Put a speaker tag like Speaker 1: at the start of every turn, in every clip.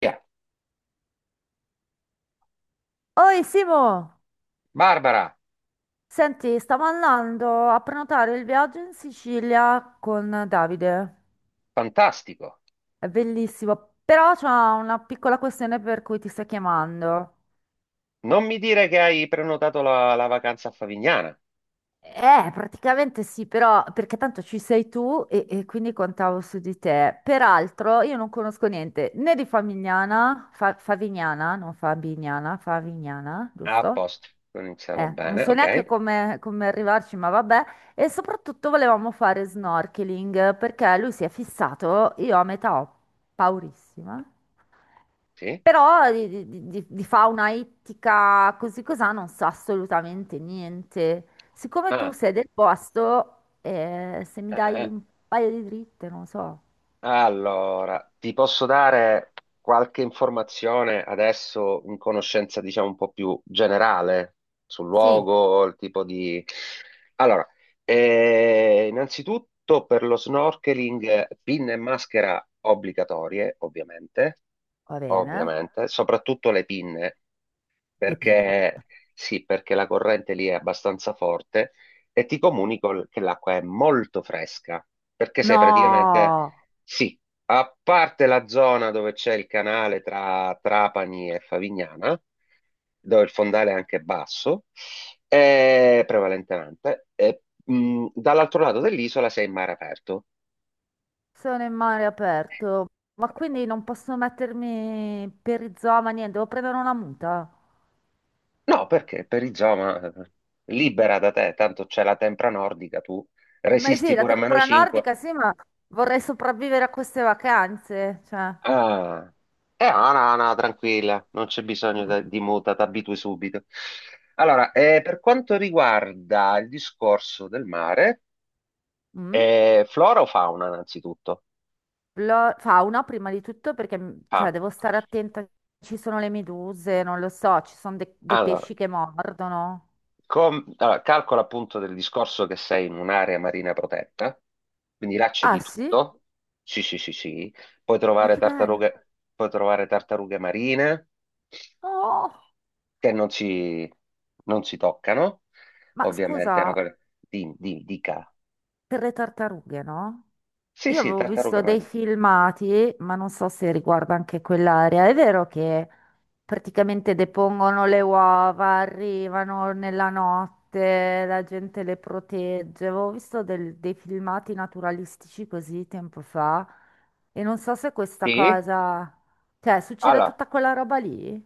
Speaker 1: Via.
Speaker 2: Oi Simo,
Speaker 1: Barbara,
Speaker 2: senti, stavo andando a prenotare il viaggio in Sicilia con Davide.
Speaker 1: fantastico.
Speaker 2: È bellissimo, però c'è una piccola questione per cui ti sto chiamando.
Speaker 1: Non mi dire che hai prenotato la vacanza a Favignana.
Speaker 2: Praticamente sì, però perché tanto ci sei tu e quindi contavo su di te. Peraltro io non conosco niente né di Favignana, Favignana, non Fabignana, Favignana,
Speaker 1: Ah, a
Speaker 2: giusto?
Speaker 1: posto, iniziamo
Speaker 2: Non
Speaker 1: bene,
Speaker 2: so neanche
Speaker 1: ok?
Speaker 2: come arrivarci, ma vabbè. E soprattutto volevamo fare snorkeling perché lui si è fissato, io a metà ho paurissima.
Speaker 1: Sì.
Speaker 2: Però di fauna ittica così cosà non so assolutamente niente. Siccome tu
Speaker 1: Ah,
Speaker 2: sei del posto, se mi dai
Speaker 1: eh.
Speaker 2: un paio di dritte, non so.
Speaker 1: Allora, ti posso dare qualche informazione adesso in conoscenza, diciamo, un po' più generale sul
Speaker 2: Sì,
Speaker 1: luogo, il tipo di. Allora, innanzitutto per lo snorkeling, pinne e maschera obbligatorie, ovviamente
Speaker 2: va bene.
Speaker 1: ovviamente, soprattutto le pinne,
Speaker 2: Le pinne.
Speaker 1: perché sì, perché la corrente lì è abbastanza forte e ti comunico che l'acqua è molto fresca, perché sei praticamente,
Speaker 2: No!
Speaker 1: sì, a parte la zona dove c'è il canale tra Trapani e Favignana, dove il fondale è anche basso, prevalentemente, e, dall'altro lato dell'isola sei in mare aperto.
Speaker 2: Sono in mare aperto, ma quindi non posso mettermi perizoma, niente, devo prendere una muta.
Speaker 1: No, perché per perizoma, libera da te, tanto c'è la tempra nordica, tu
Speaker 2: Ma
Speaker 1: resisti
Speaker 2: sì, la
Speaker 1: pure a meno
Speaker 2: tempra
Speaker 1: 5.
Speaker 2: nordica, sì, ma vorrei sopravvivere a queste vacanze, cioè...
Speaker 1: Ah, è Ana, Ana, tranquilla, non c'è bisogno
Speaker 2: Mm.
Speaker 1: di muta, ti abitui subito. Allora, per quanto riguarda il discorso del mare,
Speaker 2: Mm.
Speaker 1: flora o fauna, innanzitutto?
Speaker 2: Fauna prima di tutto perché cioè,
Speaker 1: Ah,
Speaker 2: devo stare attenta, ci sono le meduse, non lo so, ci sono dei
Speaker 1: allora,
Speaker 2: pesci che mordono.
Speaker 1: allora, calcola appunto del discorso che sei in un'area marina protetta, quindi là c'è
Speaker 2: Ah
Speaker 1: di
Speaker 2: sì?
Speaker 1: tutto. Sì, sì, sì, sì. Puoi
Speaker 2: Ma
Speaker 1: trovare
Speaker 2: che bello!
Speaker 1: tartarughe, puoi trovare tartarughe marine,
Speaker 2: Oh!
Speaker 1: che non si toccano,
Speaker 2: Ma
Speaker 1: ovviamente, è una
Speaker 2: scusa,
Speaker 1: cosa, dica.
Speaker 2: per le tartarughe, no?
Speaker 1: Sì,
Speaker 2: Io
Speaker 1: sì,
Speaker 2: avevo
Speaker 1: tartaruga
Speaker 2: visto dei
Speaker 1: marina.
Speaker 2: filmati, ma non so se riguarda anche quell'area. È vero che praticamente depongono le uova, arrivano nella notte, la gente le protegge. Avevo visto dei filmati naturalistici così tempo fa e non so se questa
Speaker 1: Sì,
Speaker 2: cosa... Cioè, succede
Speaker 1: allora,
Speaker 2: tutta quella roba lì?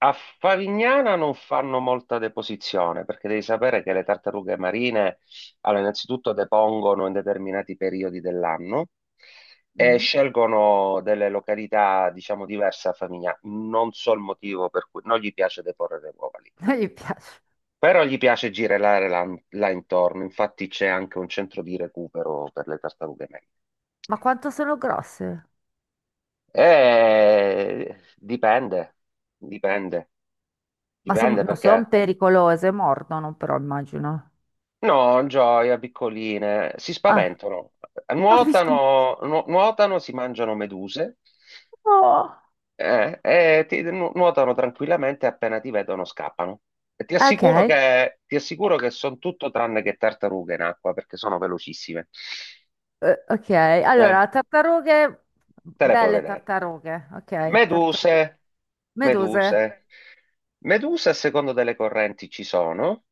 Speaker 1: a Favignana non fanno molta deposizione, perché devi sapere che le tartarughe marine, allora, innanzitutto depongono in determinati periodi dell'anno e
Speaker 2: Mm?
Speaker 1: scelgono delle località, diciamo, diverse a Favignana. Non so il motivo per cui non gli piace deporre le uova lì.
Speaker 2: Non gli piace.
Speaker 1: Però gli piace girare là, là intorno, infatti c'è anche un centro di recupero per le tartarughe meglio.
Speaker 2: Ma quanto sono grosse?
Speaker 1: Dipende, dipende, dipende
Speaker 2: Non sono
Speaker 1: perché
Speaker 2: pericolose, mordono però, immagino.
Speaker 1: no, gioia, piccoline, si
Speaker 2: Ah,
Speaker 1: spaventano,
Speaker 2: ma vicino.
Speaker 1: nuotano, nuotano, si mangiano meduse e ti, nuotano tranquillamente appena ti vedono scappano. E
Speaker 2: Ok,
Speaker 1: ti assicuro che sono tutto tranne che tartarughe in acqua perché sono velocissime.
Speaker 2: ok.
Speaker 1: Eh,
Speaker 2: Allora, tartarughe,
Speaker 1: te le puoi
Speaker 2: belle
Speaker 1: vedere.
Speaker 2: tartarughe, ok, tartarughe.
Speaker 1: Meduse,
Speaker 2: Meduse,
Speaker 1: meduse. Meduse a seconda delle correnti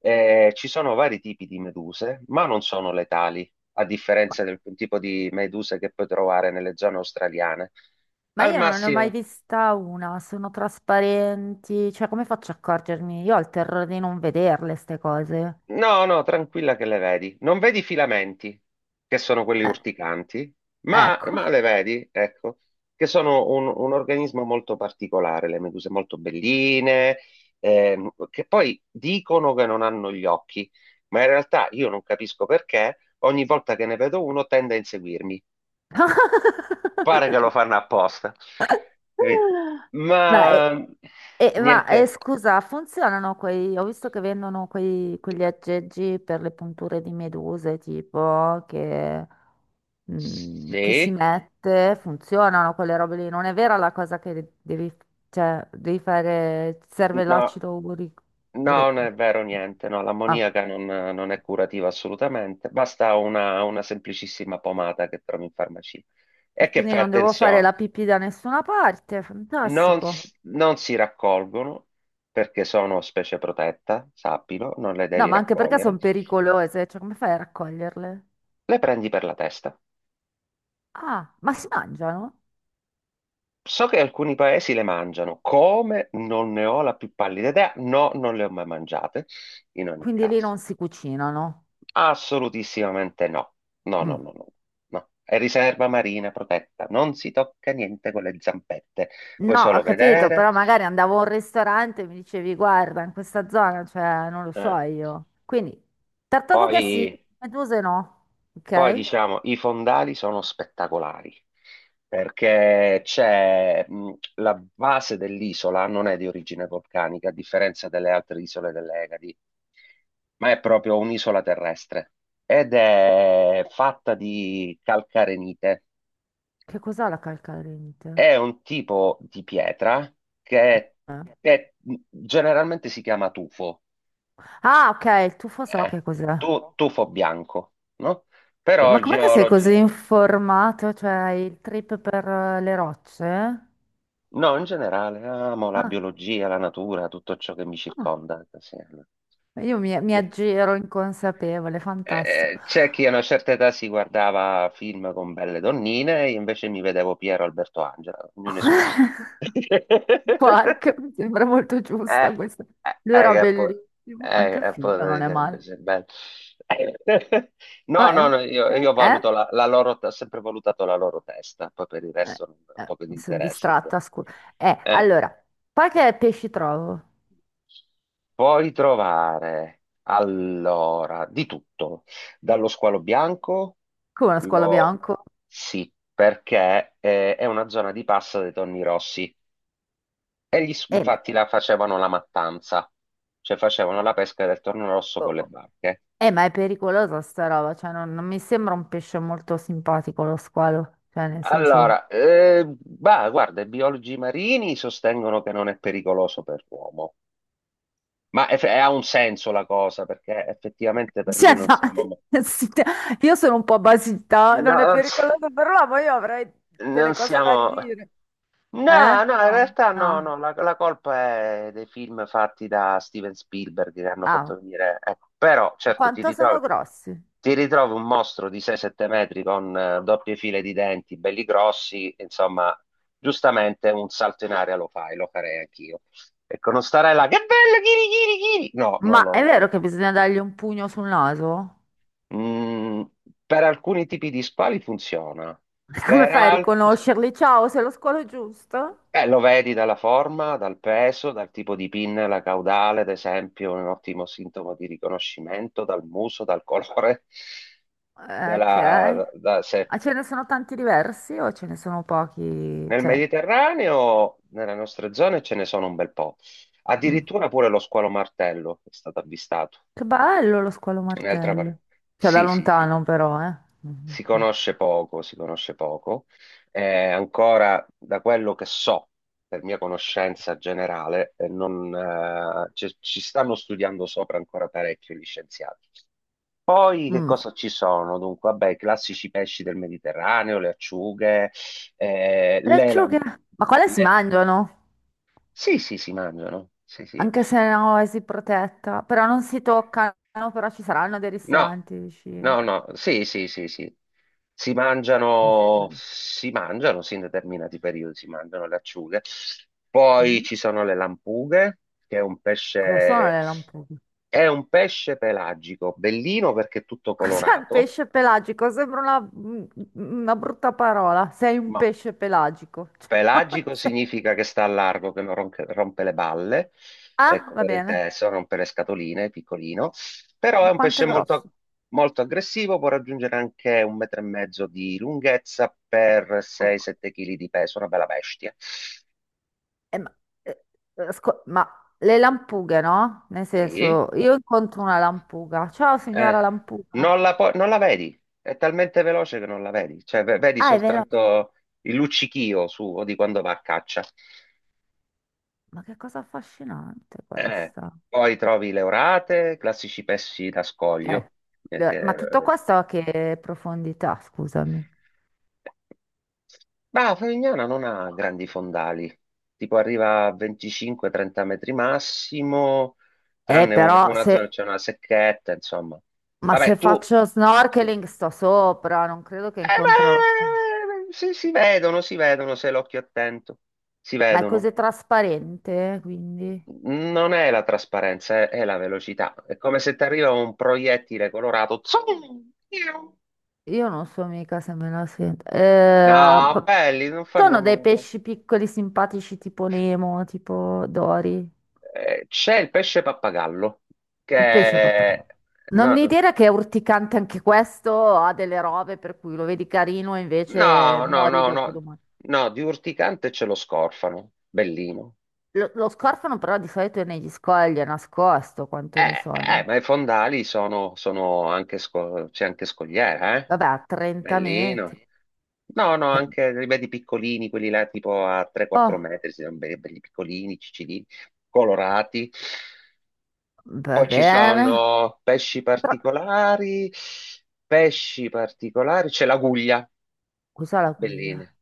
Speaker 1: ci sono vari tipi di meduse, ma non sono letali, a
Speaker 2: ma,
Speaker 1: differenza del tipo di meduse che puoi trovare nelle zone australiane.
Speaker 2: ma
Speaker 1: Al
Speaker 2: io non ne ho mai
Speaker 1: massimo.
Speaker 2: vista una, sono trasparenti, cioè come faccio a accorgermi? Io ho il terrore di non vederle, ste cose.
Speaker 1: No, no, tranquilla che le vedi. Non vedi i filamenti, che sono quelli
Speaker 2: Eh,
Speaker 1: urticanti, ma,
Speaker 2: ecco.
Speaker 1: ma le vedi, ecco, che sono un organismo molto particolare, le meduse molto belline, che poi dicono che non hanno gli occhi, ma in realtà io non capisco perché ogni volta che ne vedo uno tende a inseguirmi. Pare che lo fanno apposta. Capito?
Speaker 2: Ma,
Speaker 1: Ma niente,
Speaker 2: scusa, funzionano quei... Ho visto che vendono quegli aggeggi per le punture di meduse, tipo, che... che si
Speaker 1: sì,
Speaker 2: mette, funzionano quelle robe lì. Non è vera la cosa che devi, cioè, devi fare, ti serve
Speaker 1: no.
Speaker 2: l'acido urico.
Speaker 1: No,
Speaker 2: ure-
Speaker 1: non è vero niente, no,
Speaker 2: ah,
Speaker 1: l'ammoniaca non è curativa assolutamente, basta una semplicissima pomata che trovi in farmacia. E che
Speaker 2: quindi
Speaker 1: fai
Speaker 2: non devo fare
Speaker 1: attenzione,
Speaker 2: la pipì da nessuna parte, fantastico.
Speaker 1: non si raccolgono perché sono specie protetta, sappilo, non le
Speaker 2: No,
Speaker 1: devi
Speaker 2: ma anche perché
Speaker 1: raccogliere,
Speaker 2: sono pericolose, cioè come fai a raccoglierle?
Speaker 1: le prendi per la testa.
Speaker 2: Ah, ma si mangiano?
Speaker 1: So che alcuni paesi le mangiano, come non ne ho la più pallida idea, no, non le ho mai mangiate, in ogni
Speaker 2: Quindi lì
Speaker 1: caso.
Speaker 2: non si cucinano.
Speaker 1: Assolutissimamente no. No, no,
Speaker 2: Mm.
Speaker 1: no, no. No. È riserva marina protetta. Non si tocca niente con le zampette. Puoi
Speaker 2: No, ho
Speaker 1: solo
Speaker 2: capito,
Speaker 1: vedere.
Speaker 2: però magari andavo a un ristorante e mi dicevi, guarda, in questa zona, cioè, non lo so
Speaker 1: Eh,
Speaker 2: io. Quindi, tartarughe sì,
Speaker 1: Poi,
Speaker 2: meduse no,
Speaker 1: poi,
Speaker 2: ok?
Speaker 1: diciamo, i fondali sono spettacolari perché c'è la base dell'isola non è di origine vulcanica, a differenza delle altre isole delle Egadi, ma è proprio un'isola terrestre ed è fatta di calcarenite.
Speaker 2: Che cos'è la calcarente?
Speaker 1: È un tipo di pietra che
Speaker 2: Eh.
Speaker 1: è- generalmente si chiama tufo,
Speaker 2: Ah, ok, il tufo so
Speaker 1: eh?
Speaker 2: che cos'è. Ma
Speaker 1: Tufo bianco, no? Però
Speaker 2: com'è che sei così
Speaker 1: geologi,
Speaker 2: informato? Cioè, hai il trip per le rocce?
Speaker 1: no, in generale, amo la
Speaker 2: Ah,
Speaker 1: biologia, la natura, tutto ciò che mi
Speaker 2: ah,
Speaker 1: circonda. Sì.
Speaker 2: io mi aggiro inconsapevole, fantastico.
Speaker 1: C'è chi a una certa età si guardava film con belle donnine, io invece mi vedevo Piero Alberto Angela, ognuno i suoi gusti.
Speaker 2: Quark, mi sembra molto giusta
Speaker 1: Eh,
Speaker 2: questa. Lui era
Speaker 1: che poi,
Speaker 2: bellissimo, anche il figlio non
Speaker 1: poi
Speaker 2: è male.
Speaker 1: sarebbe bello. No,
Speaker 2: Ah,
Speaker 1: no, no, io, io
Speaker 2: eh,
Speaker 1: valuto la loro, ho sempre valutato la loro testa, poi per il
Speaker 2: eh,
Speaker 1: resto non ho poco di
Speaker 2: mi sono
Speaker 1: interesse. Secondo
Speaker 2: distratta, scusa.
Speaker 1: me.
Speaker 2: Allora, poi che pesci trovo?
Speaker 1: Puoi trovare allora di tutto, dallo squalo bianco,
Speaker 2: Come uno squalo
Speaker 1: lo,
Speaker 2: bianco?
Speaker 1: sì, perché è una zona di passa dei tonni rossi. E
Speaker 2: Eh, ma,
Speaker 1: infatti la facevano la mattanza, cioè facevano la pesca del torno rosso
Speaker 2: oh,
Speaker 1: con le
Speaker 2: oh,
Speaker 1: barche.
Speaker 2: ma è pericolosa sta roba, cioè non, non mi sembra un pesce molto simpatico lo squalo, cioè nel senso...
Speaker 1: Allora, bah, guarda, i biologi marini sostengono che non è pericoloso per l'uomo, ma ha un senso la cosa, perché effettivamente per lui
Speaker 2: Cioè,
Speaker 1: non siamo.
Speaker 2: no, sì, io sono un po' basita,
Speaker 1: No,
Speaker 2: non è pericoloso per l'uomo, io avrei delle
Speaker 1: non
Speaker 2: cose da
Speaker 1: siamo.
Speaker 2: ridire.
Speaker 1: No, no,
Speaker 2: Eh?
Speaker 1: in
Speaker 2: No,
Speaker 1: realtà no,
Speaker 2: no.
Speaker 1: no, la colpa è dei film fatti da Steven Spielberg che hanno fatto
Speaker 2: Ah,
Speaker 1: venire, ecco, però certo ti
Speaker 2: quanto sono
Speaker 1: ritrovi,
Speaker 2: grossi?
Speaker 1: ti ritrovi un mostro di 6-7 metri con doppie file di denti, belli grossi, insomma, giustamente un salto in aria lo fai, lo farei anch'io. Ecco, non starei là, che bello, chiri, chiri, chiri! No, non
Speaker 2: Ma
Speaker 1: lo,
Speaker 2: è
Speaker 1: non lo
Speaker 2: vero che
Speaker 1: fa.
Speaker 2: bisogna dargli un pugno sul naso?
Speaker 1: Mm, per alcuni tipi di spali funziona,
Speaker 2: Come
Speaker 1: per
Speaker 2: fai a
Speaker 1: altri.
Speaker 2: riconoscerli? Ciao, sei lo squalo giusto?
Speaker 1: Lo vedi dalla forma, dal peso, dal tipo di pinnella caudale, ad esempio, un ottimo sintomo di riconoscimento, dal muso, dal colore.
Speaker 2: Ok.
Speaker 1: della- da- se-
Speaker 2: Ma ce ne sono tanti diversi o ce ne sono pochi?
Speaker 1: Nel
Speaker 2: Cioè,
Speaker 1: Mediterraneo, nelle nostre zone, ce ne sono un bel po'.
Speaker 2: mm.
Speaker 1: Addirittura pure lo squalo martello è stato avvistato.
Speaker 2: Che bello lo squalo
Speaker 1: Un'altra
Speaker 2: martello.
Speaker 1: par-
Speaker 2: Cioè, da
Speaker 1: Sì, sì, sì.
Speaker 2: lontano però, eh. Mhm,
Speaker 1: Si
Speaker 2: ok.
Speaker 1: conosce poco, si conosce poco. Ancora da quello che so, per mia conoscenza generale, non, ci, ci stanno studiando sopra ancora parecchio gli scienziati. Poi che
Speaker 2: Mm.
Speaker 1: cosa ci sono? Dunque, vabbè, i classici pesci del Mediterraneo, le acciughe, eh,
Speaker 2: Le
Speaker 1: le, lam-
Speaker 2: acciughe? Ma quale si
Speaker 1: le-
Speaker 2: mangiano?
Speaker 1: sì, sì, si mangiano. Sì, sì,
Speaker 2: Anche se no, è si protetta. Però non si toccano, però ci saranno dei
Speaker 1: no,
Speaker 2: ristoranti vicino.
Speaker 1: no, no, sì, sì, sì, sì.
Speaker 2: Mm.
Speaker 1: Si mangiano, sì, in determinati periodi si mangiano le acciughe. Poi
Speaker 2: Mm.
Speaker 1: ci sono le lampughe, che è un
Speaker 2: Cosa sono
Speaker 1: pesce,
Speaker 2: le lampughe?
Speaker 1: è un pesce pelagico, bellino perché è tutto
Speaker 2: Cos'è un
Speaker 1: colorato,
Speaker 2: pesce pelagico? Sembra una brutta parola. Sei un
Speaker 1: ma
Speaker 2: pesce pelagico. Cioè,
Speaker 1: pelagico
Speaker 2: se-
Speaker 1: significa che sta a largo, che non ronche- rompe le balle,
Speaker 2: Ah,
Speaker 1: ecco
Speaker 2: va
Speaker 1: per il
Speaker 2: bene.
Speaker 1: teso, rompe le scatoline, piccolino, però è un
Speaker 2: Quanto è
Speaker 1: pesce
Speaker 2: grosso?
Speaker 1: molto, molto aggressivo, può raggiungere anche un metro e mezzo di lunghezza per 6-7 kg di peso, una bella bestia.
Speaker 2: Eh, ma, eh, ma le lampughe, no? Nel
Speaker 1: Sì,
Speaker 2: senso, io incontro una lampuga. Ciao, signora
Speaker 1: eh,
Speaker 2: lampuga.
Speaker 1: non la vedi, è talmente veloce che non la vedi, cioè vedi
Speaker 2: Ah, è veloce.
Speaker 1: soltanto il luccichio suo di quando va a caccia.
Speaker 2: Ma che cosa affascinante
Speaker 1: Eh,
Speaker 2: questa.
Speaker 1: Poi trovi le orate, classici pesci da scoglio.
Speaker 2: Eh,
Speaker 1: eh, che-
Speaker 2: Ma tutto questo a che profondità, scusami.
Speaker 1: Ma Favignana non ha grandi fondali, tipo arriva a 25-30 metri massimo, tranne
Speaker 2: Però
Speaker 1: una zona,
Speaker 2: se
Speaker 1: c'è una secchetta, insomma.
Speaker 2: Ma
Speaker 1: Vabbè,
Speaker 2: se
Speaker 1: tu.
Speaker 2: faccio
Speaker 1: Eh,
Speaker 2: snorkeling sto sopra, non credo che incontrerò.
Speaker 1: si vedono, si vedono, se l'occhio è attento, si
Speaker 2: Ma è
Speaker 1: vedono.
Speaker 2: così trasparente, quindi
Speaker 1: Non è la trasparenza, è la velocità. È come se ti arriva un proiettile colorato. Zoom! Piu!
Speaker 2: io non so mica se me la sento.
Speaker 1: No, belli, non fanno
Speaker 2: Sono dei
Speaker 1: nulla.
Speaker 2: pesci piccoli, simpatici, tipo Nemo, tipo Dori.
Speaker 1: C'è il pesce pappagallo,
Speaker 2: Il pesce proprio. No.
Speaker 1: che.
Speaker 2: Non
Speaker 1: No,
Speaker 2: mi dire che è urticante anche questo, ha delle robe per cui lo vedi carino e invece
Speaker 1: no, no,
Speaker 2: muori
Speaker 1: no,
Speaker 2: dopo
Speaker 1: no,
Speaker 2: domani.
Speaker 1: no, di urticante ce lo scorfano. Bellino.
Speaker 2: Lo scorfano però di solito è negli scogli, è nascosto, quanto ne sono.
Speaker 1: Ma i fondali sono anche, c'è anche scogliera, eh?
Speaker 2: Vabbè, a 30
Speaker 1: Bellino.
Speaker 2: metri.
Speaker 1: No, no,
Speaker 2: Cioè,
Speaker 1: anche li vedi piccolini, quelli là tipo a 3-4
Speaker 2: oh,
Speaker 1: metri, si sono belli, belli piccolini, ciccini, colorati.
Speaker 2: va
Speaker 1: Poi ci
Speaker 2: bene.
Speaker 1: sono
Speaker 2: Però-
Speaker 1: pesci particolari, c'è l'aguglia,
Speaker 2: Cos'è la cuia?
Speaker 1: belline.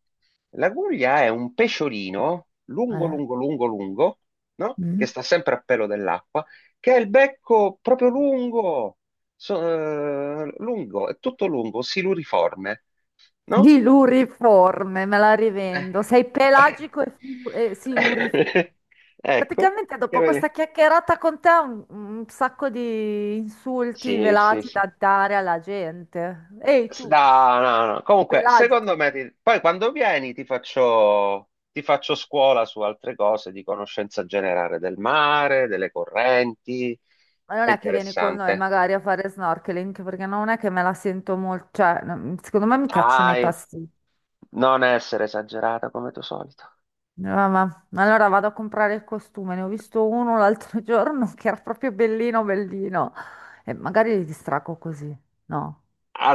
Speaker 1: La guglia è un pesciolino lungo,
Speaker 2: Eh?
Speaker 1: lungo, lungo, lungo, no? Che
Speaker 2: Mm.
Speaker 1: sta sempre a pelo dell'acqua, che ha il becco proprio lungo, so- lungo, è tutto lungo, siluriforme, no?
Speaker 2: Siluriforme, me la
Speaker 1: Eh,
Speaker 2: rivendo. Sei
Speaker 1: eh.
Speaker 2: pelagico e, siluriforme.
Speaker 1: Ecco,
Speaker 2: Praticamente
Speaker 1: che
Speaker 2: dopo
Speaker 1: bene.
Speaker 2: questa chiacchierata con te ho un sacco di insulti
Speaker 1: Sì, sì,
Speaker 2: velati
Speaker 1: sì.
Speaker 2: da dare alla gente. Ehi tu,
Speaker 1: No, no, no. Comunque, secondo
Speaker 2: pelagico,
Speaker 1: me, poi quando vieni ti faccio, scuola su altre cose di conoscenza generale del mare, delle correnti.
Speaker 2: ma non
Speaker 1: È
Speaker 2: è che vieni con noi
Speaker 1: interessante.
Speaker 2: magari a fare snorkeling, perché non è che me la sento molto, cioè, no, secondo me mi cacciano nei
Speaker 1: Dai,
Speaker 2: passi.
Speaker 1: non essere esagerata come tuo solito.
Speaker 2: Mamma, allora vado a comprare il costume, ne ho visto uno l'altro giorno che era proprio bellino, bellino. E magari li distracco così, no?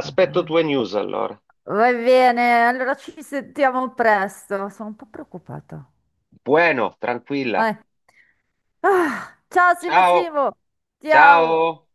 Speaker 2: Beh,
Speaker 1: tue news allora.
Speaker 2: va bene, allora ci sentiamo presto. Sono un po' preoccupata.
Speaker 1: Bueno,
Speaker 2: Vai.
Speaker 1: tranquilla.
Speaker 2: Ah, ciao Simo
Speaker 1: Ciao,
Speaker 2: Simo, ciao.
Speaker 1: ciao.